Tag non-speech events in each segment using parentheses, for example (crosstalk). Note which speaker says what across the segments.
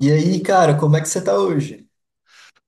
Speaker 1: E aí, cara, como é que você tá hoje?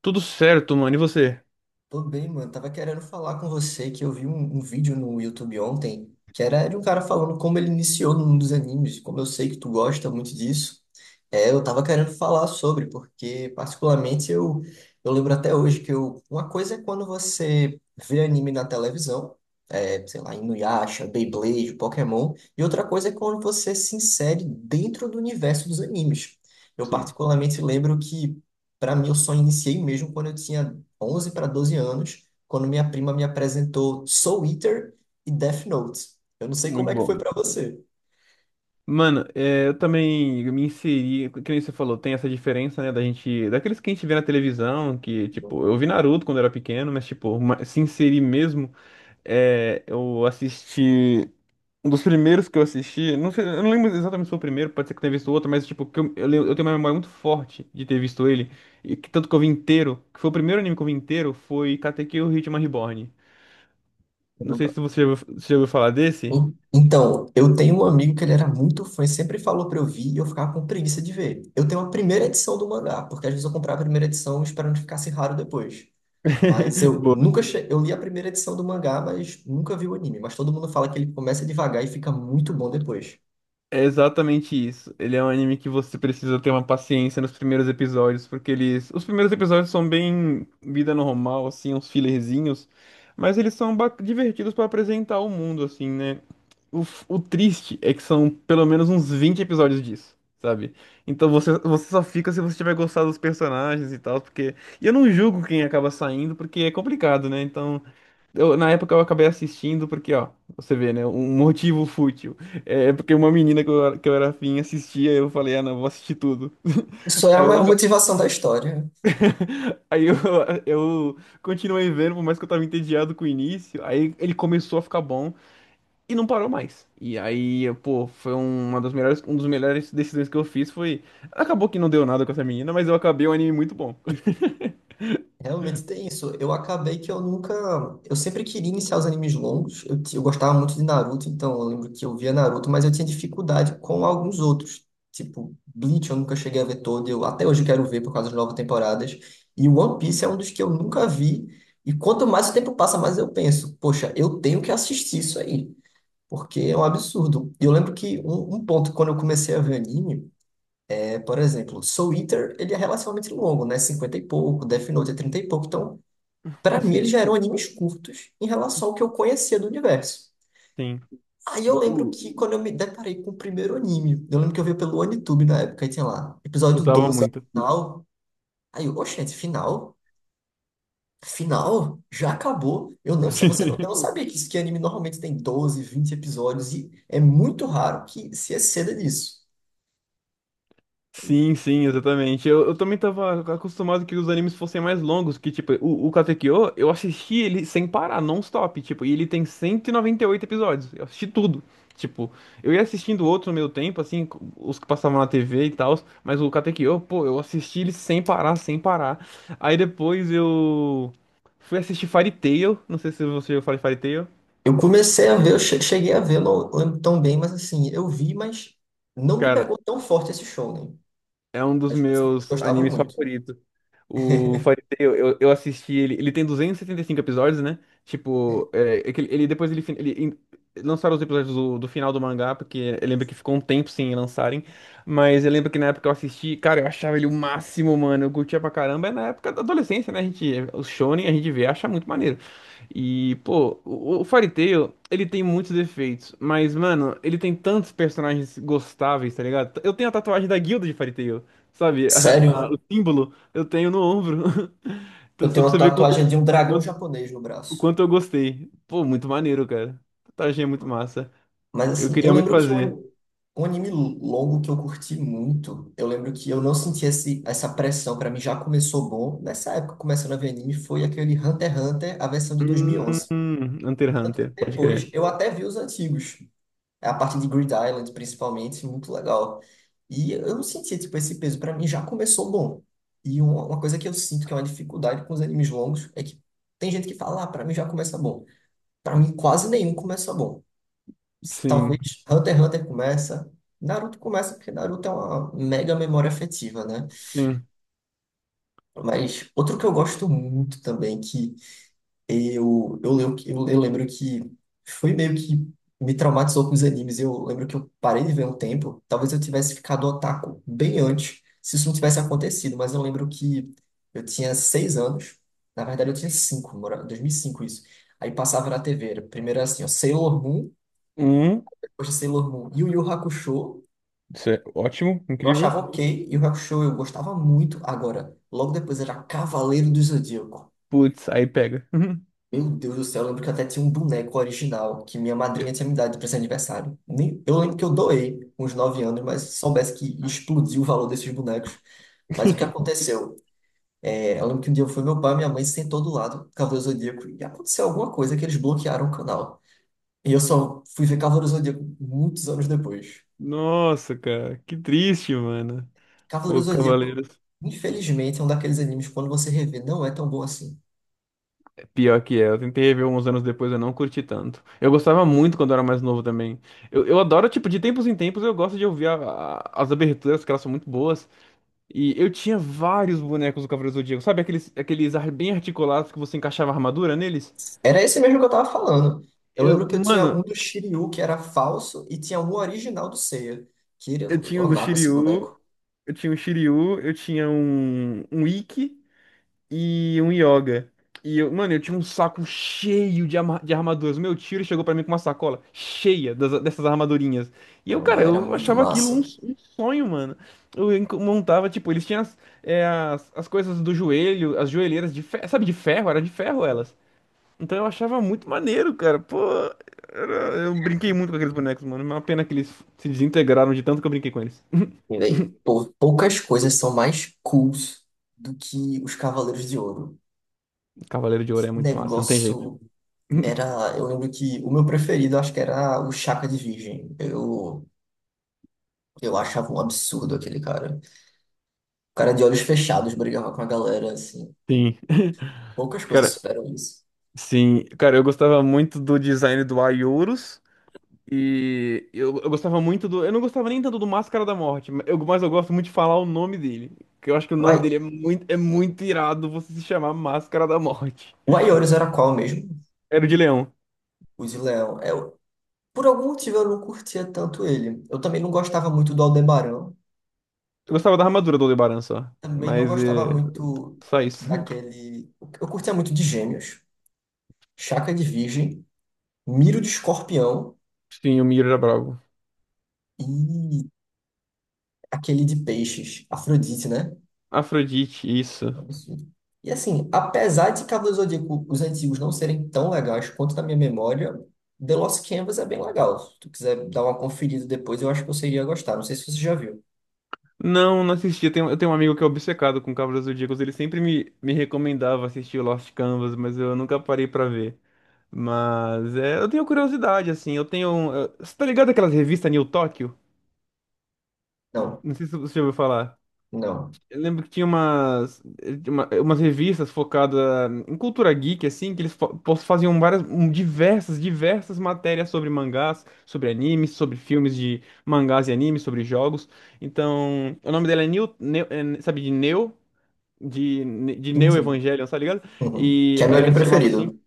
Speaker 2: Tudo certo, mano. E você?
Speaker 1: Tô bem, mano. Tava querendo falar com você que eu vi um vídeo no YouTube ontem que era de um cara falando como ele iniciou no mundo dos animes. Como eu sei que tu gosta muito disso, eu tava querendo falar sobre, porque particularmente eu lembro até hoje que eu, uma coisa é quando você vê anime na televisão, sei lá, Inuyasha, Beyblade, Pokémon, e outra coisa é quando você se insere dentro do universo dos animes. Eu
Speaker 2: Sim.
Speaker 1: particularmente lembro que para mim, eu só iniciei mesmo quando eu tinha 11 para 12 anos, quando minha prima me apresentou Soul Eater e Death Note. Eu não sei como
Speaker 2: Muito
Speaker 1: é que
Speaker 2: bom.
Speaker 1: foi para você.
Speaker 2: Mano, eu também me inseri, que nem você falou, tem essa diferença, né, da gente, daqueles que a gente vê na televisão, que, tipo, eu vi Naruto quando era pequeno, mas, tipo, se inserir mesmo, eu assisti, um dos primeiros que eu assisti, não sei, eu não lembro exatamente se foi o primeiro, pode ser que tenha visto outro, mas, tipo, que eu tenho uma memória muito forte de ter visto ele, e que tanto que eu vi inteiro, que foi o primeiro anime que eu vi inteiro, foi Katekyo Hitman Reborn. Não sei se você já ouviu falar desse.
Speaker 1: Então, eu tenho um amigo que ele era muito fã e sempre falou para eu vir e eu ficava com preguiça de ver. Eu tenho a primeira edição do mangá, porque às vezes eu comprava a primeira edição esperando que ficasse raro depois. Mas
Speaker 2: (laughs)
Speaker 1: eu
Speaker 2: Boa.
Speaker 1: nunca che... eu li a primeira edição do mangá, mas nunca vi o anime. Mas todo mundo fala que ele começa devagar e fica muito bom depois.
Speaker 2: É exatamente isso. Ele é um anime que você precisa ter uma paciência nos primeiros episódios, porque eles. Os primeiros episódios são bem vida normal, assim, uns fillerzinhos, mas eles são divertidos pra apresentar o mundo, assim, né? O triste é que são pelo menos uns 20 episódios disso, sabe? Então você só fica se você tiver gostado dos personagens e tal, porque. E eu não julgo quem acaba saindo, porque é complicado, né? Então. Na época eu acabei assistindo porque, ó, você vê, né? Um motivo fútil. É porque uma menina que eu era afim assistia, eu falei, ah, não, vou assistir tudo.
Speaker 1: Isso é
Speaker 2: (laughs)
Speaker 1: a
Speaker 2: Aí eu,
Speaker 1: maior
Speaker 2: aca-
Speaker 1: motivação da história.
Speaker 2: (laughs) aí eu continuei vendo, por mais que eu tava entediado com o início. Aí ele começou a ficar bom e não parou mais. E aí, eu, pô, foi um dos melhores decisões que eu fiz foi. Acabou que não deu nada com essa menina, mas eu acabei um anime muito bom. (laughs)
Speaker 1: Realmente tem isso. Eu acabei que eu nunca. Eu sempre queria iniciar os animes longos. Eu gostava muito de Naruto, então eu lembro que eu via Naruto, mas eu tinha dificuldade com alguns outros. Tipo, Bleach eu nunca cheguei a ver todo. Eu, até hoje eu quero ver por causa das novas temporadas. E One Piece é um dos que eu nunca vi. E quanto mais o tempo passa, mais eu penso, poxa, eu tenho que assistir isso aí. Porque é um absurdo. E eu lembro que um ponto, quando eu comecei a ver anime, por exemplo, Soul Eater, ele é relativamente longo, né? 50 e pouco, Death Note é 30 e pouco. Então, pra mim, eles
Speaker 2: Sim,
Speaker 1: já eram animes curtos em relação ao que eu conhecia do universo.
Speaker 2: sim.
Speaker 1: Aí eu lembro
Speaker 2: U-
Speaker 1: que quando eu me deparei com o primeiro anime, eu lembro que eu vi pelo OneTube na época, e tinha lá, episódio
Speaker 2: Usava
Speaker 1: 12
Speaker 2: muito.
Speaker 1: final. Aí eu, oxente, final? Final? Já acabou? Eu não, sa- você não, eu não
Speaker 2: (laughs)
Speaker 1: sabia que isso que anime normalmente tem 12, 20 episódios, e é muito raro que se exceda disso.
Speaker 2: Sim, sim, exatamente. Eu também tava acostumado que os animes fossem mais longos, que tipo, o Katekyo, eu assisti ele sem parar, non-stop, tipo, e ele tem 198 episódios. Eu assisti tudo. Tipo, eu ia assistindo outros no meu tempo, assim, os que passavam na TV e tal, mas o Katekyo, pô, eu assisti ele sem parar, sem parar. Aí depois eu fui assistir Fairy Tail, não sei se você já falou Fairy Tail.
Speaker 1: Eu comecei a ver, cheguei a ver, eu não lembro tão bem, mas assim, eu vi, mas não me
Speaker 2: Cara,
Speaker 1: pegou tão forte esse show, né?
Speaker 2: é um dos
Speaker 1: Mas meus amigos
Speaker 2: meus
Speaker 1: gostavam
Speaker 2: animes
Speaker 1: muito.
Speaker 2: favoritos. O Fariseu, eu assisti ele. Ele tem duzentos e setenta e cinco episódios, né? Tipo, é que ele- depois ele, fin- ele in- lançaram os episódios do final do mangá, porque eu lembro que ficou um tempo sem lançarem. Mas eu lembro que na época eu assisti, cara, eu achava ele o máximo, mano. Eu curtia pra caramba. É na época da adolescência, né? A gente, o Shonen a gente vê, acha muito maneiro. E, pô, o Fairy Tail, ele tem muitos defeitos, mas, mano, ele tem tantos personagens gostáveis, tá ligado? Eu tenho a tatuagem da guilda de Fairy Tail, sabe? (laughs) O
Speaker 1: Sério?
Speaker 2: símbolo. Eu tenho no ombro. (laughs) Então,
Speaker 1: Eu
Speaker 2: só
Speaker 1: tenho
Speaker 2: pra
Speaker 1: uma
Speaker 2: você ver
Speaker 1: tatuagem de um
Speaker 2: o
Speaker 1: dragão
Speaker 2: quanto,
Speaker 1: japonês no
Speaker 2: o
Speaker 1: braço.
Speaker 2: quanto eu gostei. Pô, muito maneiro, cara. Tatuagem é muito massa.
Speaker 1: Mas
Speaker 2: Eu
Speaker 1: assim, eu
Speaker 2: queria muito
Speaker 1: lembro que um,
Speaker 2: fazer.
Speaker 1: ani- um anime longo que eu curti muito, eu lembro que eu não senti essa pressão, pra mim já começou bom. Nessa época, começando a ver anime, foi aquele Hunter x Hunter, a versão de 2011.
Speaker 2: Hum, Hunter x
Speaker 1: Tanto
Speaker 2: Hunter,
Speaker 1: que
Speaker 2: pode
Speaker 1: depois
Speaker 2: crer.
Speaker 1: eu até vi os antigos. É a parte de Grid Island principalmente, muito legal. E eu não sentia tipo, esse peso, pra mim já começou bom. E uma coisa que eu sinto que é uma dificuldade com os animes longos é que tem gente que fala, ah, pra mim já começa bom. Pra mim, quase nenhum começa bom. Talvez
Speaker 2: Sim,
Speaker 1: Hunter x Hunter começa. Naruto começa porque Naruto é uma mega memória afetiva, né?
Speaker 2: sim.
Speaker 1: Mas outro que eu gosto muito também, que eu lembro que foi meio que me traumatizou com os animes. Eu lembro que eu parei de ver um tempo. Talvez eu tivesse ficado otaku bem antes, se isso não tivesse acontecido. Mas eu lembro que eu tinha 6 anos. Na verdade, eu tinha 5, 2005 isso. Aí passava na TV. Era primeiro assim, ó, Sailor Moon.
Speaker 2: Hum,
Speaker 1: Poxa, Sailor Moon. E o Yu Hakusho,
Speaker 2: isso é ótimo,
Speaker 1: eu
Speaker 2: incrível.
Speaker 1: achava ok. Yu Hakusho eu gostava muito. Agora, logo depois era Cavaleiro do Zodíaco.
Speaker 2: Putz, aí pega.
Speaker 1: Meu Deus do céu, eu lembro que eu até tinha um boneco original que minha madrinha tinha me dado de presente de aniversário. Nem, eu lembro que eu doei com uns 9 anos, mas se soubesse que explodiu o valor desses bonecos. Mas o que
Speaker 2: (laughs)
Speaker 1: aconteceu? É, eu lembro que um dia foi meu pai e minha mãe sentou do lado do Cavaleiro do Zodíaco e aconteceu alguma coisa que eles bloquearam o canal. E eu só fui ver Cavaleiro do Zodíaco muitos anos depois.
Speaker 2: Nossa, cara, que triste, mano.
Speaker 1: Cavaleiro do
Speaker 2: Pô,
Speaker 1: Zodíaco,
Speaker 2: Cavaleiros.
Speaker 1: infelizmente, é um daqueles animes que quando você revê, não é tão bom assim.
Speaker 2: Pior que é, eu tentei rever uns anos depois, eu não curti tanto. Eu gostava muito quando eu era mais novo também. Eu adoro, tipo, de tempos em tempos eu gosto de ouvir as aberturas, que elas são muito boas. E eu tinha vários bonecos do Cavaleiro do Zodíaco, sabe? Aqueles bem articulados que você encaixava a armadura neles.
Speaker 1: Era esse mesmo que eu tava falando. Eu
Speaker 2: Eu,
Speaker 1: lembro que eu tinha
Speaker 2: mano,
Speaker 1: um do Shiryu que era falso e tinha um original do Seiya, que
Speaker 2: eu
Speaker 1: eu
Speaker 2: tinha um do
Speaker 1: amava esse
Speaker 2: Shiryu,
Speaker 1: boneco.
Speaker 2: eu tinha um Shiryu, eu tinha um Ikki. E um yoga. E eu, mano, eu tinha um saco cheio de armaduras. Meu tio ele chegou pra mim com uma sacola cheia dessas armadurinhas. E eu, cara,
Speaker 1: Caramba, era
Speaker 2: eu
Speaker 1: muito
Speaker 2: achava aquilo um,
Speaker 1: massa.
Speaker 2: um sonho, mano. Montava, tipo, eles tinham as coisas do joelho, as joelheiras de ferro, sabe, de ferro, era de ferro elas. Então eu achava muito maneiro, cara. Pô, eu brinquei muito com aqueles bonecos, mano. Uma pena que eles se desintegraram de tanto que eu brinquei com eles. (laughs)
Speaker 1: E daí, pô, poucas coisas são mais cools do que os Cavaleiros de Ouro.
Speaker 2: Cavaleiro de Ouro é
Speaker 1: Que
Speaker 2: muito massa, não tem jeito.
Speaker 1: negócio
Speaker 2: (laughs)
Speaker 1: era, eu lembro que o meu preferido acho que era o Chaka de Virgem. Eu achava um absurdo aquele cara. O cara de olhos fechados brigava com a galera, assim.
Speaker 2: Sim.
Speaker 1: Poucas coisas
Speaker 2: Cara,
Speaker 1: superam isso.
Speaker 2: Sim, cara, eu gostava muito do design do Aiorus. E eu gostava muito do. Eu não gostava nem tanto do Máscara da Morte, mas eu gosto muito de falar o nome dele. Que eu acho que o nome
Speaker 1: Mas
Speaker 2: dele é muito irado você se chamar Máscara da Morte.
Speaker 1: o Aioris era qual mesmo?
Speaker 2: Era o de leão.
Speaker 1: O de Leão. É, eu, por algum motivo eu não curtia tanto ele. Eu também não gostava muito do Aldebarão.
Speaker 2: Eu gostava da armadura do Aldebaran só.
Speaker 1: Também não
Speaker 2: Mas
Speaker 1: gostava
Speaker 2: é.
Speaker 1: muito
Speaker 2: Só isso. (laughs)
Speaker 1: daquele. Eu curtia muito de Gêmeos, Chaka de Virgem, Miro de Escorpião
Speaker 2: Sim, o Miro era brabo.
Speaker 1: e aquele de Peixes, Afrodite, né?
Speaker 2: Afrodite, isso.
Speaker 1: Um absurdo. E assim, apesar de Cavaleiros do Zodíaco, os antigos não serem tão legais quanto na minha memória, The Lost Canvas é bem legal. Se tu quiser dar uma conferida depois, eu acho que você iria gostar. Não sei se você já viu.
Speaker 2: Não, não assisti. Eu tenho um amigo que é obcecado com Cavaleiros do Zodíaco. Ele sempre me recomendava assistir Lost Canvas, mas eu nunca parei pra ver. Mas é, eu tenho curiosidade, assim. Eu tenho. Você tá ligado aquelas revistas New Tóquio?
Speaker 1: Não,
Speaker 2: Não sei se você já ouviu falar.
Speaker 1: não.
Speaker 2: Eu lembro que tinha umas revistas focadas em cultura geek, assim, que eles faziam diversas matérias sobre mangás, sobre animes, sobre filmes de mangás e animes, sobre jogos. Então, o nome dela é New, é, sabe, de Neo? De
Speaker 1: Sim,
Speaker 2: Neo
Speaker 1: sim.
Speaker 2: Evangelion, tá ligado?
Speaker 1: Uhum. Que
Speaker 2: E
Speaker 1: é meu
Speaker 2: aí ela
Speaker 1: anime
Speaker 2: se chamava assim.
Speaker 1: preferido.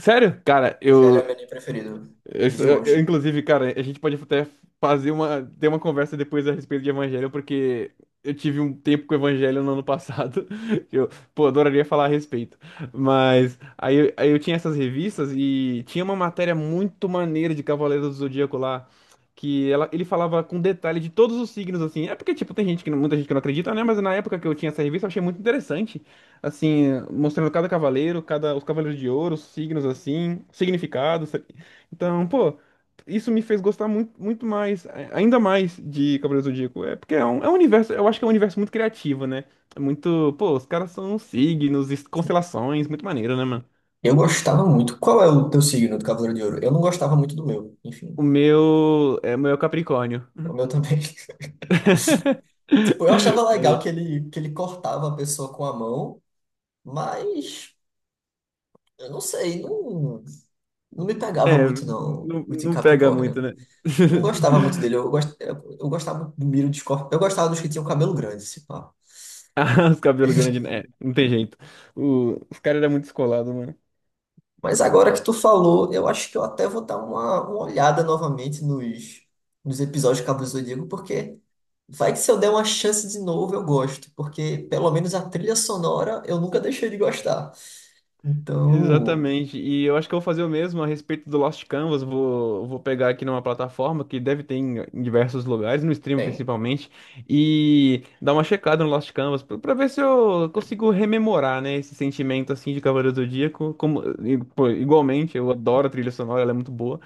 Speaker 2: Sério? Cara,
Speaker 1: Já ele é meu anime preferido.
Speaker 2: isso,
Speaker 1: De
Speaker 2: eu,
Speaker 1: longe.
Speaker 2: inclusive, cara, a gente pode até ter uma conversa depois a respeito de evangelho, porque eu tive um tempo com o evangelho no ano passado. (laughs) Eu, pô, adoraria falar a respeito. Mas aí, eu tinha essas revistas e tinha uma matéria muito maneira de Cavaleiros do Zodíaco lá, que ele falava com detalhe de todos os signos, assim. É porque, tipo, tem gente que, não- muita gente que não acredita, né? Mas na época que eu tinha essa revista, eu achei muito interessante. Assim, mostrando cada cavaleiro, os cavaleiros de ouro, os signos, assim, significados. Então, pô, isso me fez gostar muito, muito mais, ainda mais de Cavaleiros do Zodíaco. É porque é um universo, eu acho que é um universo muito criativo, né? É muito, pô, os caras são signos, constelações, muito maneiro, né, mano?
Speaker 1: Eu gostava muito. Qual é o teu signo do Cavaleiro de Ouro? Eu não gostava muito do meu. Enfim,
Speaker 2: O meu é Capricórnio.
Speaker 1: o meu também. (laughs) Tipo,
Speaker 2: (laughs)
Speaker 1: eu achava
Speaker 2: Tá
Speaker 1: legal
Speaker 2: aí.
Speaker 1: que ele cortava a pessoa com a mão, mas eu não sei, não. Não me pegava
Speaker 2: É,
Speaker 1: muito, não,
Speaker 2: não,
Speaker 1: o de
Speaker 2: não pega muito,
Speaker 1: Capricórnio.
Speaker 2: né?
Speaker 1: Eu não gostava muito
Speaker 2: (laughs)
Speaker 1: dele. Eu gostava do Miro de Escorpião. Eu gostava dos que tinham cabelo grande, se pá.
Speaker 2: Ah, os cabelos grandes, né? É,
Speaker 1: (laughs)
Speaker 2: não tem jeito. Os caras eram muito descolados, mano.
Speaker 1: Mas agora que tu falou, eu acho que eu até vou dar uma olhada novamente nos episódios de Cabo do Zodíaco, porque vai que se eu der uma chance de novo, eu gosto. Porque pelo menos a trilha sonora eu nunca deixei de gostar. Então,
Speaker 2: Exatamente. E eu acho que eu vou fazer o mesmo a respeito do Lost Canvas. Vou pegar aqui numa plataforma que deve ter em diversos lugares, no stream
Speaker 1: bem.
Speaker 2: principalmente, e dar uma checada no Lost Canvas pra ver se eu consigo rememorar, né, esse sentimento assim de Cavaleiro do Zodíaco. Como, e, pô, igualmente, eu adoro a trilha sonora, ela é muito boa.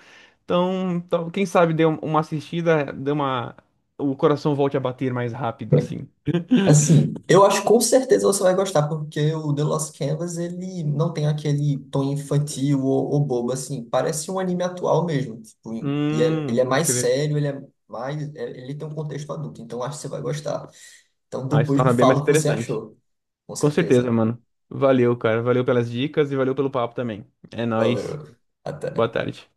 Speaker 2: Então, quem sabe dê uma assistida, dê uma, o coração volte a bater mais rápido assim. (laughs)
Speaker 1: Assim, eu acho que com certeza você vai gostar, porque o The Lost Canvas, ele não tem aquele tom infantil ou bobo, assim, parece um anime atual mesmo, tipo, ele é
Speaker 2: Pode
Speaker 1: mais
Speaker 2: crer.
Speaker 1: sério, ele é mais, é- ele tem um contexto adulto, então acho que você vai gostar. Então
Speaker 2: Aí se
Speaker 1: depois me
Speaker 2: torna bem
Speaker 1: fala
Speaker 2: mais
Speaker 1: o que você
Speaker 2: interessante.
Speaker 1: achou, com
Speaker 2: Com certeza,
Speaker 1: certeza.
Speaker 2: mano. Valeu, cara. Valeu pelas dicas e valeu pelo papo também. É nóis.
Speaker 1: Valeu,
Speaker 2: Boa
Speaker 1: até.
Speaker 2: tarde.